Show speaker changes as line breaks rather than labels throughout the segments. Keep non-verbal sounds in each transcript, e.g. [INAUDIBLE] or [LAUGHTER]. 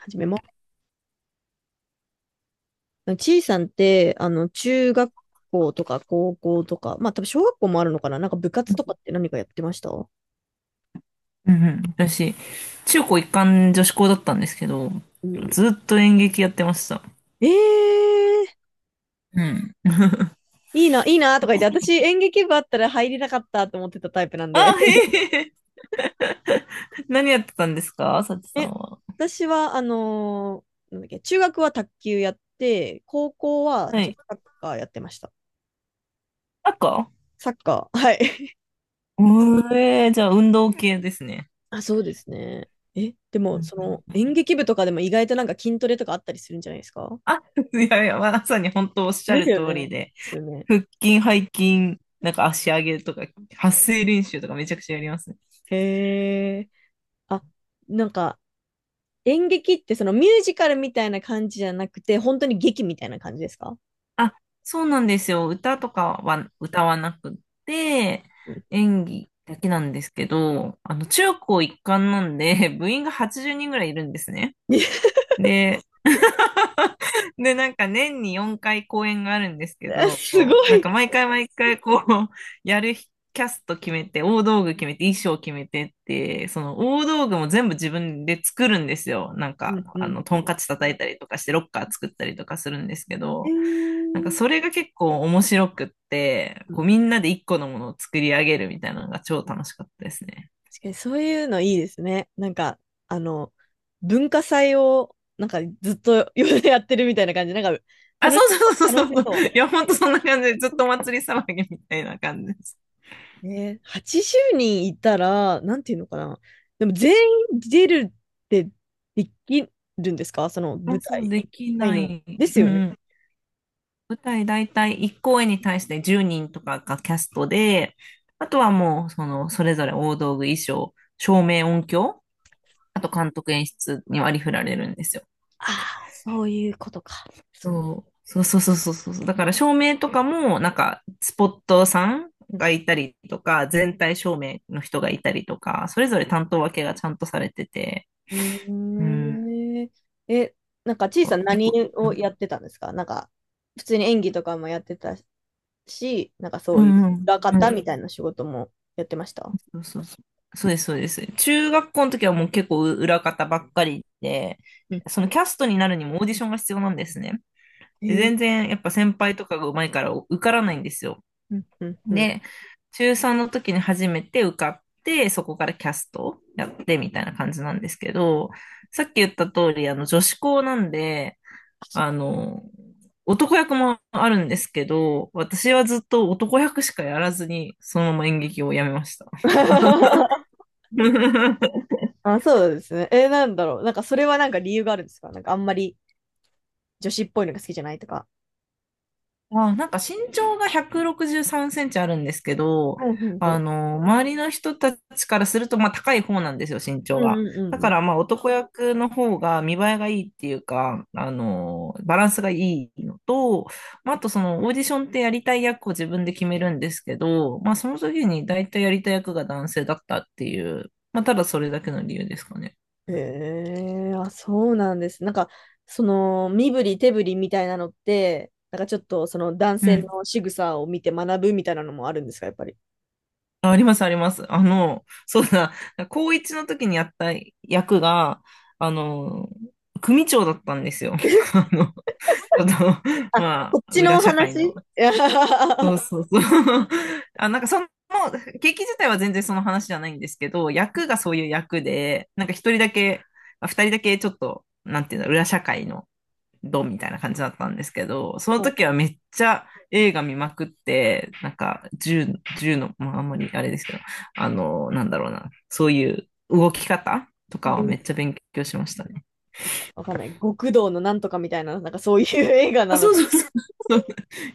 始めます。ちいさんって、中学校とか高校とか、まあ、多分小学校もあるのかな、なんか部活とかって何かやってました
うんうん、私、中高一貫女子校だったんですけど、
うん。
ずっと演劇やってました。
ええー、
うん。[LAUGHS]
いいな、いいなとか言って、私演劇部あったら入れなかったと思ってたタイプなんで。
あ、へえ、何やってたんですかさち
[LAUGHS]
さん
え、
は？
私は、なんだっけ、中学は卓球やって、高校は
は
女
い。
子サッカーやってました。
赤
サッカー、はい。[LAUGHS]
うえー、じゃあ運動系ですね。
あ、そうですね。え、で
う
も、
ん
その
うん、
演劇部とかでも意外となんか筋トレとかあったりするんじゃないですか？
あ、[LAUGHS] いやいや、まさに本当おっしゃる通り
で
で、
すよね。
腹筋、背筋、なんか足上げとか、発声練習とかめちゃくちゃやりますね。
へえ。あ、なんか、演劇ってそのミュージカルみたいな感じじゃなくて、本当に劇みたいな感じですか？
あ、そうなんですよ。歌とかは歌わなくって、
うん。
演技だけなんですけど、中高一貫なんで、[LAUGHS] 部員が80人ぐらいいるんですね。
[LAUGHS]
で、[LAUGHS] なんか年に4回公演があるんですけど、
すご
なんか
い。
毎回毎回こう、やる日キャスト決めて、大道具決めて、衣装決めてって、その大道具も全部自分で作るんですよ。なん
う
か、
んうんう
トン
ん。
カチ叩いたりとかして、ロッカー作ったりとかするんですけ
へ
ど、なんか
ー。
それが結構面白くって、
う
こ
ん、
うみんなで一個のものを作り上げるみたいなのが超楽しかったですね。
確かにそういうのいいですね。なんか、あの、文化祭をなんかずっと [LAUGHS] やってるみたいな感じ。なんか、
あ、
楽
そう
し
そ
そ
うそ
う。
うそ
楽
う
し
そう。
そ
い
う。
や、ほんとそんな感じで、ずっとお祭り騒ぎみたいな感じです。
ね、80人いたら、なんていうのかな。でも全員出るってできるんですか、その舞
あ、そ
台
うで
1
き
回
な
の。
い。
です
う
よ
んう
ね。
ん。舞台大体1公演に対して10人とかがキャストで、あとはもう、その、それぞれ大道具、衣装、照明、音響、あと監督演出に割り振られるんですよ。
ああ、そういうことか。そういう。
そうそうそうそうそうそう。だから照明とかも、なんか、スポットさんがいたりとか、全体照明の人がいたりとか、それぞれ担当分けがちゃんとされてて、
う
うん、
ん。へえ。えなんか、ちいさ
こ
ん
う一
何
個、
をやってたんですか？なんか、普通に演技とかもやってたし、なんか
う
そういう
んうん、
裏方みたいな仕事もやってました
そうそうそう。そうです、そうです。中学校の時はもう結構裏方ばっかりで、
うん。
そのキャストになるにもオーディションが必要なんですね。
へ
で、
え。
全然やっぱ先輩とかが上手いから受からないんですよ。
うんうんうん。
で、中3の時に初めて受かって、そこからキャストやってみたいな感じなんですけど、さっき言った通り、女子校なんで、
あ、そっ
あ
か。
の、男役もあるんですけど、私はずっと男役しかやらずに、そのまま演劇をやめました。
[LAUGHS]
[LAUGHS]
あ、そうですね。なんだろう。なんか、それはなんか理由があるんですか？なんか、あんまり女子っぽいのが好きじゃないとか。
あ、なんか身長が163センチあるんですけど、
うんうん
周りの人たちからすると、まあ高い方なんですよ、身長
うん
が。
うん
だ
うん
か
う
らまあ男役の方が見栄えがいいっていうか、バランスがいいのと、まああとそのオーディションってやりたい役を自分で決めるんですけど、まあその時に大体やりたい役が男性だったっていう、まあただそれだけの理由ですかね。
ん。へえ、あ、そうなんです。なんか、その、身振り手振りみたいなのって、なんかちょっと、その男
う
性
ん。
の仕草を見て学ぶみたいなのもあるんですか、やっぱり。
あ、あります、あります。そうだ、高一の時にやった役が、あの、組長だったんですよ。[LAUGHS]
[LAUGHS]
ちょっと、
あ、
ま
こっ
あ、
ち
裏
の
社会
話。
の。
いや、 [LAUGHS]
そう
は
そうそう。[LAUGHS] あ、なんかその、劇自体は全然その話じゃないんですけど、役がそういう役で、なんか一人だけ、あ二人だけちょっと、なんていうの、裏社会の、ドみたいな感じだったんですけど、その時
い。
はめっちゃ映画見まくって、なんか銃の、まああんまりあれですけど、なんだろうな、そういう動き方とかはめっちゃ勉強しましたね。
わかんない。極道のなんとかみたいな、なんかそういう映画
あ、
なの？
そうそうそう。[LAUGHS] そう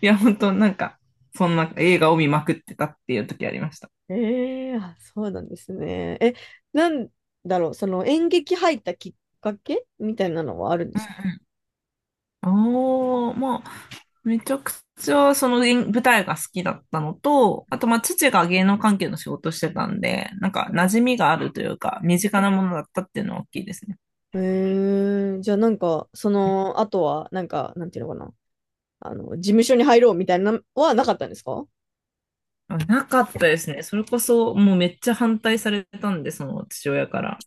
いや、本当なんか、そんな映画を見まくってたっていう時ありました。
ええ。あ、そうなんですね。え、なんだろう、その演劇入ったきっかけみたいなのはあるんですか？
ああ、まあ、めちゃくちゃその演舞台が好きだったのと、あとまあ父が芸能関係の仕事してたんで、なんか馴染みがあるというか、身近なものだったっていうのは大きいですね。
ええ。じゃあなんか、その、あとは、なんか、なんていうのかな、事務所に入ろうみたいなのはなかったんですか？
あなかったですね。それこそ、もうめっちゃ反対されたんで、その父親から。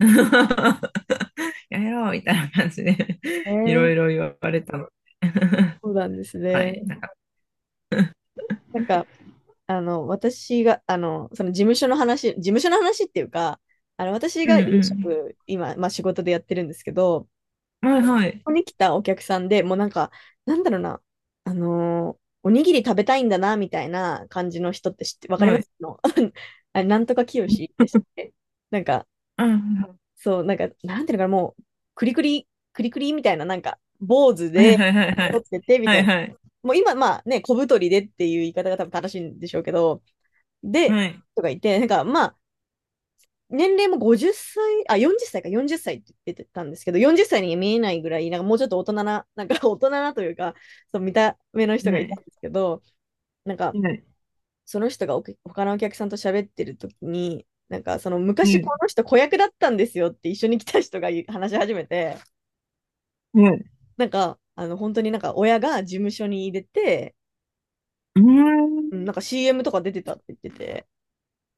[LAUGHS] やめろみたいな感じで
え
[LAUGHS] いろいろ
え。
言われたので [LAUGHS]
そうなんです
はい。
ね。
なんか、
なんか、私が、その事務所の話、事務所の話っていうか、私
うん
が飲
う
食、今、まあ仕事でやってるんですけど、
ん。はいは
こ
い。
こに来たお客さんでもうなんか、なんだろうな、おにぎり食べたいんだな、みたいな感じの人って知って、わかりま
はい。
すの？ [LAUGHS] あれ、なんとかきよしでしたっけ？なんか、
あは
そう、なんか、なんていうのかな、もう、くりくり、くりくりみたいな、なんか、坊主
い
で
はいはいは
撮
い。
ってて、み
は
たい
い
な。
はい。
もう今、まあね、小太りでっていう言い方が多分正しいんでしょうけど、で、
はい。
とか言って、なんか、まあ、年齢も50歳、あ、40歳か、40歳っさいって言ってたんですけど、40歳に見えないぐらい、なんかもうちょっと大人な、なんか大人なというか、そう、見た目の人が
は
いた
い。
んですけど、なんか、
はい。はい。
その人が他のお客さんと喋ってる時に、なんか、その昔この人子役だったんですよって一緒に来た人が話し始めて、
はい。
なんか、本当になんか親が事務所に入れて、
うー
ん、
ん。
なんか CM とか出てたって言ってて、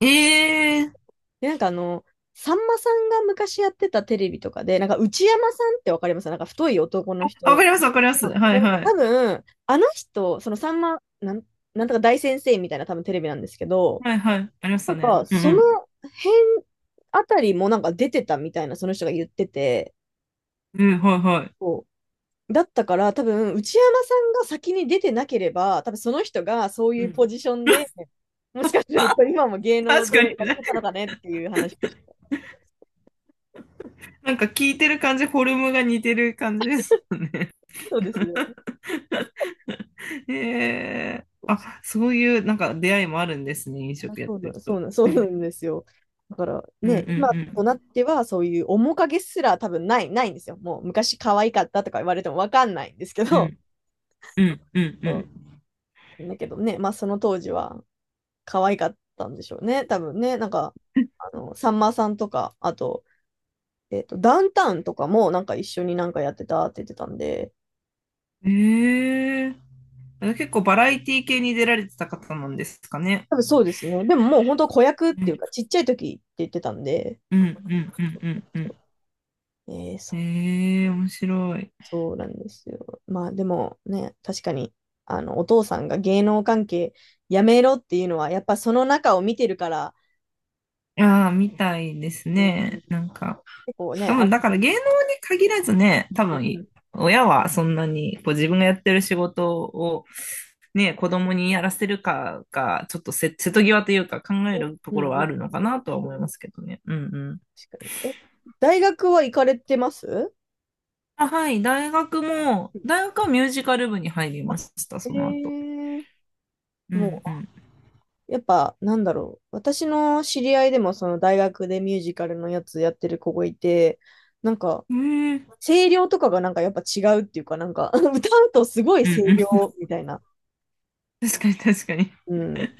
ええー。
で、なんかさんまさんが昔やってたテレビとかで、なんか内山さんってわかりますなんか太い男の
あわか
人。
ります、わかります。
わか
はい
りま
は
た多
い。
分、あの人、そのさんま、なんとか大先生みたいな多分テレビなんですけど、
はいはい。ありまし
な
た
ん
ね。
か、
うん
そ
う
の
ん。
辺あたりもなんか出てたみたいな、その人が言ってて、
うん、はいはい。
こうだったから多分、内山さんが先に出てなければ、多分その人がそう
う
いう
ん。
ポジションで、もしかすると今も芸能
確かに
でやっ
ね。
てたのかねっていう話でした。
なんか聞いてる感じ、フォルムが似てる感じですもんね。
そうですね。
[LAUGHS] へえ。あ、そういうなんか出会いもあるんですね、飲
あ
食やっ
そう
て
な、
る
[LAUGHS]
と。
そうなんですよ。だから
うんうんう
ね、今と
ん。
なってはそういう面影すら多分ないんですよ。もう昔可愛かったとか言われてもわかんないんですけ
う
ど、
んうんう
[LAUGHS] そ
ん
うだけどね、まあその当時は可愛かったんでしょうね。多分ね、なんか、さんまさんとか、あと、ダウンタウンとかもなんか一緒になんかやってたって言ってたんで、
うん。へえ。あ結構バラエティ系に出られてた方なんですかね？
多分そうですね。でももう本当子役っ
う
ていう
ん
かちっちゃい時って言ってたんで、
うんうんうんうんう
えー、
ん。
そ
へえ、面白い。
そうなんですよ。まあでもね、確かに、お父さんが芸能関係やめろっていうのは、やっぱその中を見てるから、
ああ、みたいです
うん。う、
ね。なんか。
結構
多
ね、
分、
あ、
だから芸能に限らずね、多
うんう
分、
ん、
親はそんなに、こう自分がやってる仕事を、ね、子供にやらせるかが、ちょっと瀬戸際というか考えると
うん
ころは
う
あ
ん、
るのかなとは思いますけどね。うんうん。
確かに。え、大学は行かれてます
あ、はい、大学はミュージカル部に入り
あ、
ました、
え
その後。
ー、
う
も
ん
う、やっぱ、なんだろう。私の知り合いでも、その大学でミュージカルのやつやってる子がいて、なんか、
うん。えー、
声量とかがなんかやっぱ違うっていうか、なんか [LAUGHS] 歌うとすごい
う
声
んうん。
量みたいな。
[LAUGHS] 確かに確かに。
うん。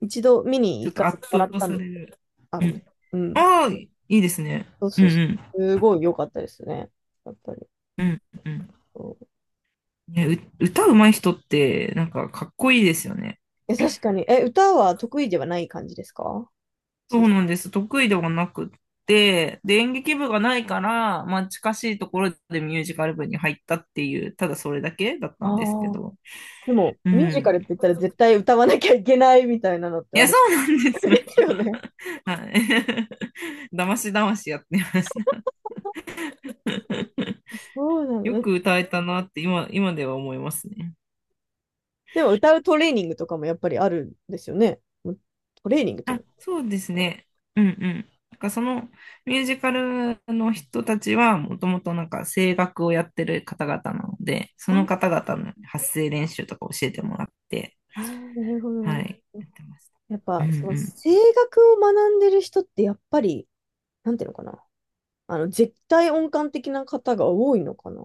一度見に
ちょっ
行か
と
せて
圧
もらっ
倒
たん
さ
で、
れる。
あ、
う
ごめん。
ん。
うん。
ああ、いいですね。
そう
うん
そうそ
うん。
う。すごい良かったですね。やっぱり。
うんうん。
そう。
ね、歌うまい人って、なんかかっこいいですよね。
え、確かに。え、歌は得意ではない感じですか？
そう
し、
なんです。得意ではなくって、で、演劇部がないから、まあ近しいところでミュージカル部に入ったっていう、ただそれだけだった
ああ
んですけ
ー。
ど。
でも、
う
ミュージカ
ん。
ルって言ったら絶対歌わなきゃいけないみたいなのって
い
あ
や、
れ
そうなんですよ。
ですよね。
はい。[LAUGHS] だましだましやってました。[LAUGHS]
そうな
よ
の。
く歌えたなって今では思いますね。
でも、歌うトレーニングとかもやっぱりあるんですよね。もうトレーニングっていう
あ、
の。
そうですね。うんうん。なんかそのミュージカルの人たちはもともとなんか声楽をやってる方々なので、その方々の発声練習とか教えてもらって、
ああー、なるほど、な
は
る
い、
ほど。
やってました。
やっ
う
ぱ、
んう
その
ん。
声楽を学んでる人ってやっぱり、なんていうのかな。絶対音感的な方が多いのかな。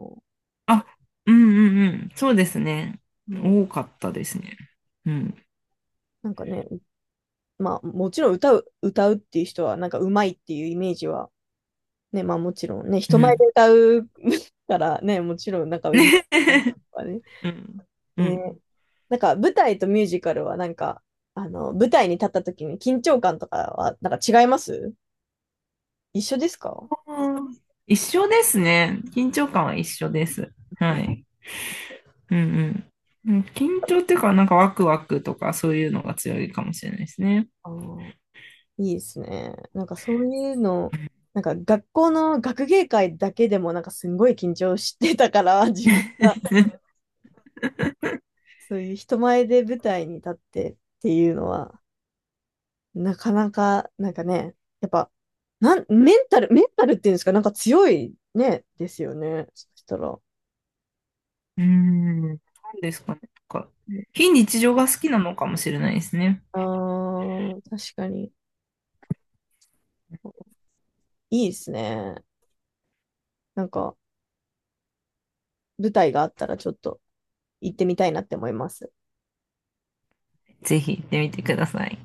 あ、うんうんうん。そうですね。
うん。
多かったですね。うん。
なんかね、まあ、もちろん歌うっていう人は、なんか上手いっていうイメージは、ね、まあもちろんね、
う
人前で
ん。
歌う [LAUGHS] からね、[LAUGHS] もちろんなんか上手いとかね。
[LAUGHS] うん。うん。
ね、なんか舞台とミュージカルはなんか、舞台に立った時に緊張感とかは、なんか違います？一緒ですか？
一緒ですね。緊張感は一緒です。
う
は
ん。
い。うんうん。緊張っていうか、なんかワクワクとかそういうのが強いかもしれないですね。
あー、いいですね。なんかそういうの、なんか学校の学芸会だけでもなんかすんごい緊張してたから、[LAUGHS] 自分がそういう人前で舞台に立ってっていうのは、なかなか、なんかね、やっぱ、メンタルっていうんですか？なんか強いね、ですよね。そしたら。
うーん。なんですかね。なんか、非日常が好きなのかもしれないですね。
あー、確かに。いいですね。なんか、舞台があったらちょっと行ってみたいなって思います。
ぜひ行ってみてください。